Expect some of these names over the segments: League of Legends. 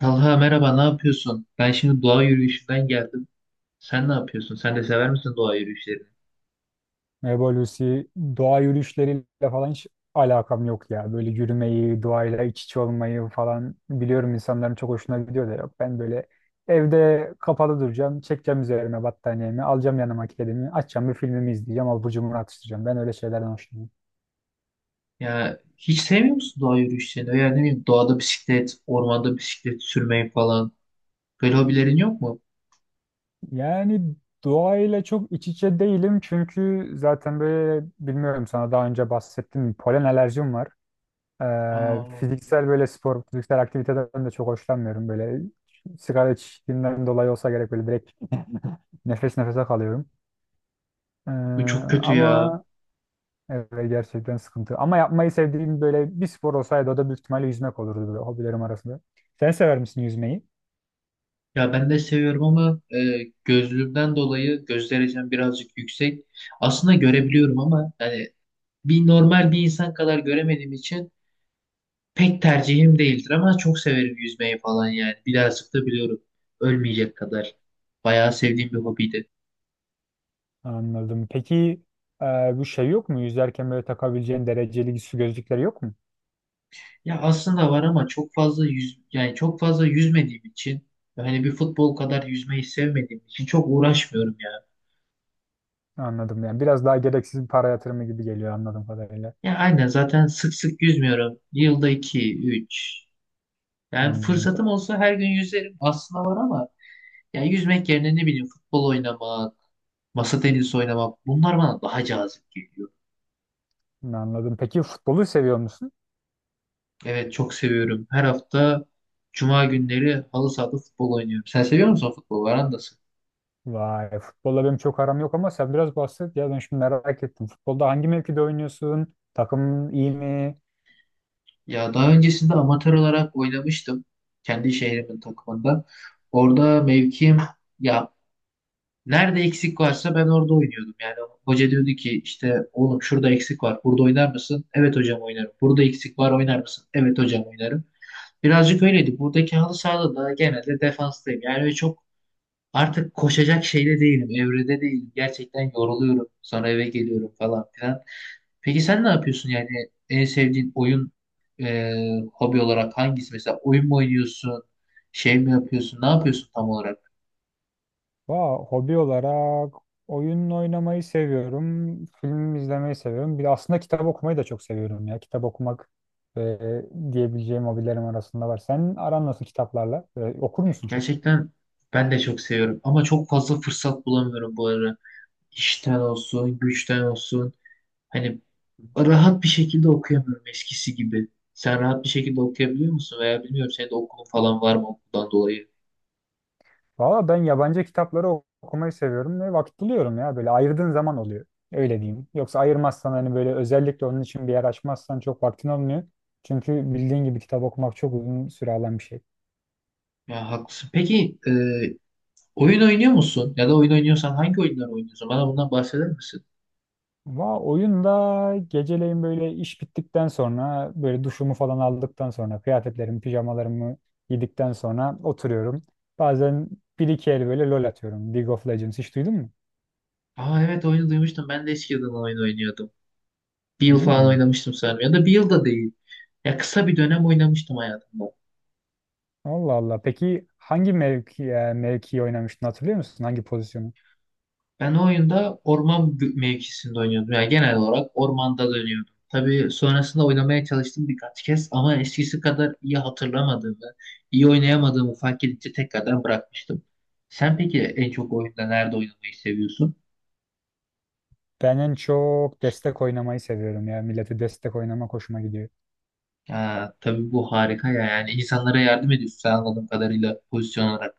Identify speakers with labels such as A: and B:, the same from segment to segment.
A: Talha merhaba, ne yapıyorsun? Ben şimdi doğa yürüyüşünden geldim. Sen ne yapıyorsun? Sen de sever misin doğa yürüyüşlerini?
B: Merhaba Lucy. Doğa yürüyüşleriyle falan hiç alakam yok ya. Böyle yürümeyi, doğayla iç içe olmayı falan biliyorum insanların çok hoşuna gidiyor da yok. Ben böyle evde kapalı duracağım, çekeceğim üzerime battaniyemi, alacağım yanıma kedimi, açacağım bir filmimi izleyeceğim, abur cubur atıştıracağım. Ben öyle şeylerden hoşlanıyorum.
A: Ya hiç sevmiyor musun doğa yürüyüşlerini? Veya ne bileyim doğada bisiklet, ormanda bisiklet sürmeyi falan. Böyle hobilerin yok mu?
B: Yani doğayla çok iç içe değilim çünkü zaten böyle bilmiyorum sana daha önce bahsettim polen alerjim var.
A: Aa,
B: Fiziksel böyle spor, fiziksel aktiviteden de çok hoşlanmıyorum. Böyle sigara içtiğimden dolayı olsa gerek böyle direkt nefes nefese kalıyorum. Ee,
A: bu çok kötü ya.
B: Ama evet, gerçekten sıkıntı. Ama yapmayı sevdiğim böyle bir spor olsaydı o da büyük ihtimalle yüzmek olurdu böyle hobilerim arasında. Sen sever misin yüzmeyi?
A: Ya ben de seviyorum ama gözlüğümden dolayı göz derecem birazcık yüksek. Aslında görebiliyorum ama yani bir normal bir insan kadar göremediğim için pek tercihim değildir ama çok severim yüzmeyi falan yani. Birazcık da biliyorum. Ölmeyecek kadar. Bayağı sevdiğim bir hobiydi.
B: Anladım. Peki e, bu şey yok mu? Yüzerken böyle takabileceğin dereceli su gözlükleri yok mu?
A: Ya aslında var ama çok fazla yüz yani çok fazla yüzmediğim için hani bir futbol kadar yüzmeyi sevmediğim için çok uğraşmıyorum ya.
B: Anladım yani. Biraz daha gereksiz bir para yatırımı gibi geliyor anladığım kadarıyla.
A: Ya aynen zaten sık sık yüzmüyorum. Yılda iki, üç. Yani
B: Hmm,
A: fırsatım olsa her gün yüzerim aslında var ama ya yüzmek yerine ne bileyim futbol oynamak, masa tenisi oynamak bunlar bana daha cazip geliyor.
B: Anladım. Peki futbolu seviyor musun?
A: Evet çok seviyorum. Her hafta cuma günleri halı sahada futbol oynuyorum. Sen seviyor musun futbol? Var andasın.
B: Vay, futbolla benim çok aram yok ama sen biraz bahset ya ben şimdi merak ettim. Futbolda hangi mevkide oynuyorsun? Takımın iyi mi?
A: Ya daha öncesinde amatör olarak oynamıştım. Kendi şehrimin takımında. Orada mevkim, ya, nerede eksik varsa ben orada oynuyordum. Yani hoca diyordu ki, işte oğlum şurada eksik var. Burada oynar mısın? Evet hocam oynarım. Burada eksik var, oynar mısın? Evet hocam oynarım. Birazcık öyleydi. Buradaki halı sahada da genelde defanstayım. Yani öyle çok artık koşacak şeyde değilim, evrede değilim. Gerçekten yoruluyorum. Sonra eve geliyorum falan filan. Peki sen ne yapıyorsun, yani en sevdiğin oyun e, hobi olarak hangisi? Mesela oyun mu oynuyorsun? Şey mi yapıyorsun? Ne yapıyorsun tam olarak?
B: Vay, hobi olarak oyun oynamayı seviyorum, film izlemeyi seviyorum. Bir de aslında kitap okumayı da çok seviyorum ya. Kitap okumak e, diyebileceğim hobilerim arasında var. Senin aran nasıl kitaplarla? Okur musun çok?
A: Gerçekten ben de çok seviyorum ama çok fazla fırsat bulamıyorum bu ara. İşten olsun, güçten olsun. Hani rahat bir şekilde okuyamıyorum eskisi gibi. Sen rahat bir şekilde okuyabiliyor musun? Veya bilmiyorum, senin de okulun falan var mı, okuldan dolayı?
B: Valla ben yabancı kitapları okumayı seviyorum ve vakit buluyorum ya. Böyle ayırdığın zaman oluyor. Öyle diyeyim. Yoksa ayırmazsan hani böyle özellikle onun için bir yer açmazsan çok vaktin olmuyor. Çünkü bildiğin gibi kitap okumak çok uzun süre alan bir şey.
A: Ya haklısın. Peki oyun oynuyor musun? Ya da oyun oynuyorsan hangi oyunlar oynuyorsun? Bana bundan bahseder misin?
B: Oyunda geceleyin böyle iş bittikten sonra böyle duşumu falan aldıktan sonra kıyafetlerimi pijamalarımı giydikten sonra oturuyorum. Bazen bir iki el böyle LOL atıyorum. League of Legends hiç duydun mu?
A: Aa evet, oyunu duymuştum. Ben de eskiden oyun oynuyordum. Bir yıl falan
B: Hmm.
A: oynamıştım sanırım. Ya da bir yıl da değil. Ya kısa bir dönem oynamıştım hayatımda.
B: Allah Allah. Peki hangi mevkiyi oynamıştın hatırlıyor musun? Hangi pozisyonu?
A: Ben o oyunda orman mevkisinde oynuyordum. Yani genel olarak ormanda dönüyordum. Tabii sonrasında oynamaya çalıştım birkaç kez ama eskisi kadar iyi hatırlamadığımı, iyi oynayamadığımı fark edince tekrardan bırakmıştım. Sen peki en çok oyunda nerede oynamayı seviyorsun?
B: Ben en çok destek oynamayı seviyorum ya. Millete destek oynamak hoşuma gidiyor.
A: Ya, tabii bu harika ya. Yani insanlara yardım ediyorsun sen anladığım kadarıyla pozisyon olarak.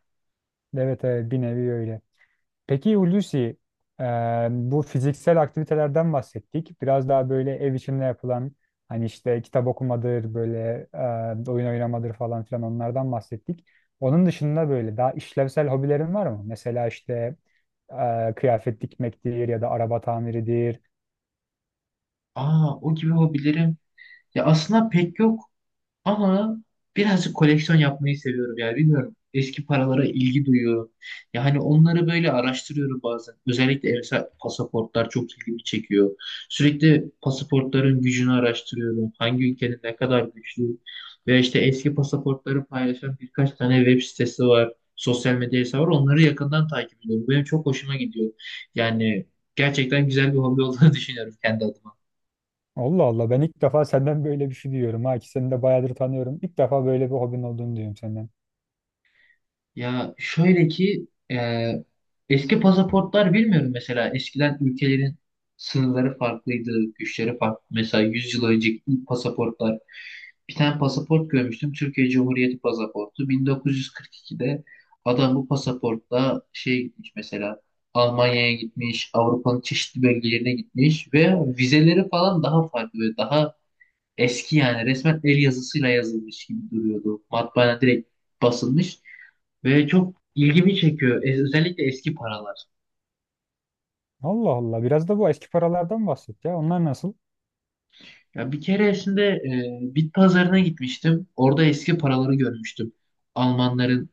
B: Evet evet bir nevi öyle. Peki Hulusi, e, bu fiziksel aktivitelerden bahsettik. Biraz daha böyle ev içinde yapılan hani işte kitap okumadır böyle oyun oynamadır falan filan onlardan bahsettik. Onun dışında böyle daha işlevsel hobilerin var mı? Mesela işte kıyafet dikmektir ya da araba tamiridir.
A: Aa, o gibi hobilerim. Ya aslında pek yok. Ama birazcık koleksiyon yapmayı seviyorum yani bilmiyorum. Eski paralara ilgi duyuyorum. Yani onları böyle araştırıyorum bazen. Özellikle mesela pasaportlar çok ilgimi çekiyor. Sürekli pasaportların gücünü araştırıyorum. Hangi ülkenin ne kadar güçlü. Ve işte eski pasaportları paylaşan birkaç tane web sitesi var. Sosyal medya hesabı var. Onları yakından takip ediyorum. Benim çok hoşuma gidiyor. Yani gerçekten güzel bir hobi olduğunu düşünüyorum kendi adıma.
B: Allah Allah ben ilk defa senden böyle bir şey duyuyorum ha ki seni de bayağıdır tanıyorum. İlk defa böyle bir hobin olduğunu duyuyorum senden.
A: Ya şöyle ki, e, eski pasaportlar, bilmiyorum, mesela eskiden ülkelerin sınırları farklıydı, güçleri farklı. Mesela 100 yıl önceki ilk pasaportlar, bir tane pasaport görmüştüm. Türkiye Cumhuriyeti pasaportu. 1942'de adam bu pasaportla şey, gitmiş mesela Almanya'ya, gitmiş Avrupa'nın çeşitli bölgelerine, gitmiş ve vizeleri falan daha farklı ve daha eski, yani resmen el yazısıyla yazılmış gibi duruyordu. Matbaana direkt basılmış ve çok ilgimi çekiyor. Özellikle eski paralar.
B: Allah Allah biraz da bu eski paralardan bahset ya onlar nasıl?
A: Ya bir keresinde bit pazarına gitmiştim. Orada eski paraları görmüştüm. Almanların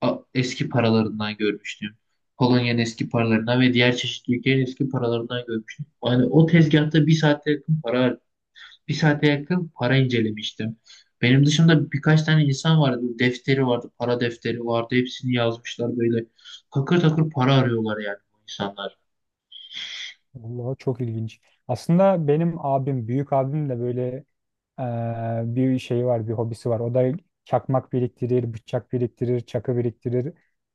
A: eski paralarından görmüştüm. Polonya'nın eski paralarından ve diğer çeşitli ülkelerin eski paralarından görmüştüm. Yani o tezgahta bir saate yakın para harcadım, bir saate yakın para incelemiştim. Benim dışımda birkaç tane insan vardı. Böyle defteri vardı, para defteri vardı. Hepsini yazmışlar böyle. Takır takır para arıyorlar yani bu insanlar.
B: Allah çok ilginç. Aslında benim abim büyük abim de böyle bir şey var bir hobisi var. O da çakmak biriktirir, bıçak biriktirir, çakı biriktirir.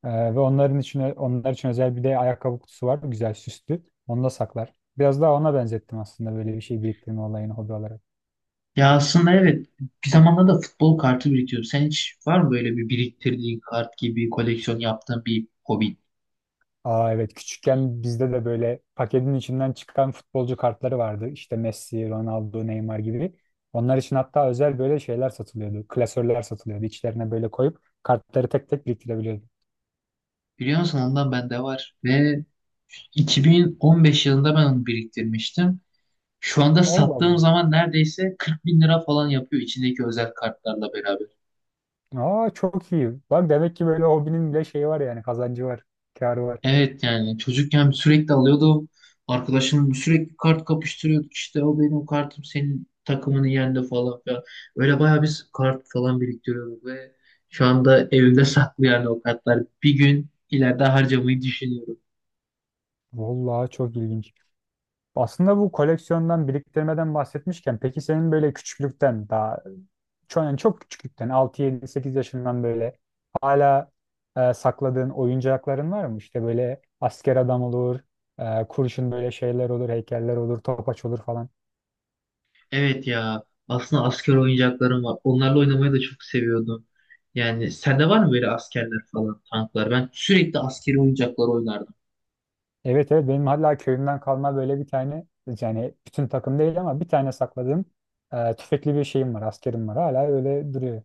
B: Ve onlar için özel bir de ayakkabı kutusu var güzel süslü. Onu da saklar. Biraz daha ona benzettim aslında böyle bir şey biriktirme olayını hobi olarak.
A: Ya aslında evet, bir zamanlar da futbol kartı biriktiriyorum. Sen hiç var mı böyle bir biriktirdiğin kart gibi koleksiyon yaptığın bir hobi?
B: Aa evet küçükken bizde de böyle paketin içinden çıkan futbolcu kartları vardı. İşte Messi, Ronaldo, Neymar gibi. Onlar için hatta özel böyle şeyler satılıyordu. Klasörler satılıyordu. İçlerine böyle koyup kartları tek tek biriktirebiliyordun.
A: Biliyor musun, ondan bende var ve 2015 yılında ben onu biriktirmiştim. Şu anda
B: Allah
A: sattığım
B: Allah.
A: zaman neredeyse 40 bin lira falan yapıyor içindeki özel kartlarla beraber.
B: Aa çok iyi. Bak demek ki böyle hobinin bile şeyi var yani kazancı var, kârı var.
A: Evet yani çocukken sürekli alıyordum. Arkadaşım sürekli kart kapıştırıyorduk. İşte o benim kartım senin takımını yendi falan filan. Öyle bayağı biz kart falan biriktiriyorduk ve şu anda evimde saklı yani o kartlar. Bir gün ileride harcamayı düşünüyorum.
B: Vallahi çok ilginç. Aslında bu koleksiyondan, biriktirmeden bahsetmişken peki senin böyle küçüklükten daha çok, yani çok küçüklükten 6-7-8 yaşından böyle hala sakladığın oyuncakların var mı? İşte böyle asker adam olur, kurşun böyle şeyler olur, heykeller olur, topaç olur falan.
A: Evet ya, aslında asker oyuncaklarım var. Onlarla oynamayı da çok seviyordum. Yani sende var mı böyle askerler falan, tanklar? Ben sürekli askeri oyuncaklar oynardım.
B: Evet evet benim hala köyümden kalma böyle bir tane yani bütün takım değil ama bir tane sakladığım tüfekli bir şeyim var, askerim var hala öyle duruyor.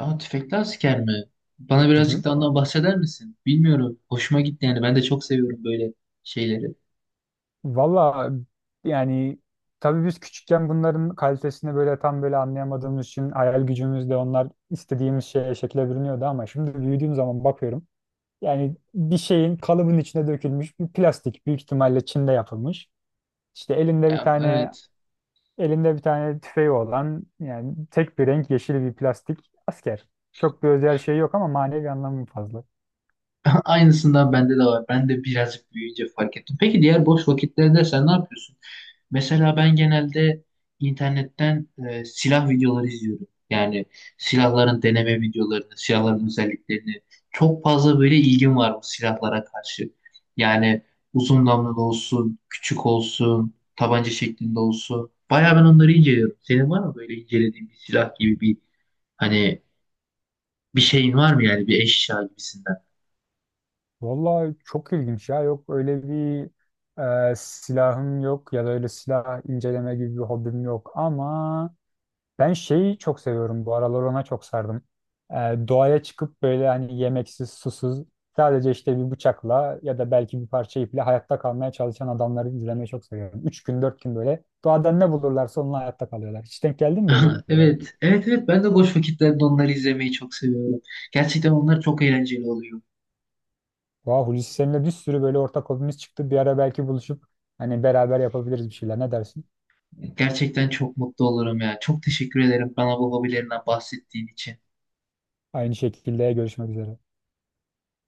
A: Aa, tüfekli asker mi? Bana birazcık da ondan bahseder misin? Bilmiyorum, hoşuma gitti yani. Ben de çok seviyorum böyle şeyleri.
B: Valla yani tabii biz küçükken bunların kalitesini böyle tam böyle anlayamadığımız için hayal gücümüzle onlar istediğimiz şeye şekle bürünüyordu ama şimdi büyüdüğüm zaman bakıyorum. Yani bir şeyin kalıbın içine dökülmüş bir plastik büyük ihtimalle Çin'de yapılmış. İşte elinde bir
A: Ya,
B: tane
A: evet.
B: elinde bir tane tüfeği olan yani tek bir renk yeşil bir plastik asker. Çok bir özel şey yok ama manevi anlamı fazla.
A: Aynısından bende de var. Ben de birazcık büyüyünce fark ettim. Peki diğer boş vakitlerde sen ne yapıyorsun? Mesela ben genelde internetten silah videoları izliyorum. Yani silahların deneme videolarını, silahların özelliklerini. Çok fazla böyle ilgim var bu silahlara karşı. Yani uzun namlulu olsun, küçük olsun, tabanca şeklinde olsun. Bayağı ben onları inceliyorum. Senin var mı böyle incelediğin bir silah gibi bir, hani bir şeyin var mı yani, bir eşya gibisinden?
B: Vallahi çok ilginç ya. Yok öyle bir silahım yok ya da öyle silah inceleme gibi bir hobim yok. Ama ben şeyi çok seviyorum. Bu aralar ona çok sardım. E, Doğaya çıkıp böyle hani yemeksiz, susuz sadece işte bir bıçakla ya da belki bir parça iple hayatta kalmaya çalışan adamları izlemeyi çok seviyorum. Üç gün, dört gün böyle doğadan ne bulurlarsa onunla hayatta kalıyorlar. Hiç denk geldin mi böyle videolara?
A: Evet, evet, evet. Ben de boş vakitlerde onları izlemeyi çok seviyorum. Gerçekten onlar çok eğlenceli oluyor.
B: Vah Hulusi seninle bir sürü böyle ortak hobimiz çıktı. Bir ara belki buluşup hani beraber yapabiliriz bir şeyler. Ne dersin?
A: Gerçekten çok mutlu olurum ya. Çok teşekkür ederim bana bu hobilerinden bahsettiğin için.
B: Aynı şekilde görüşmek üzere.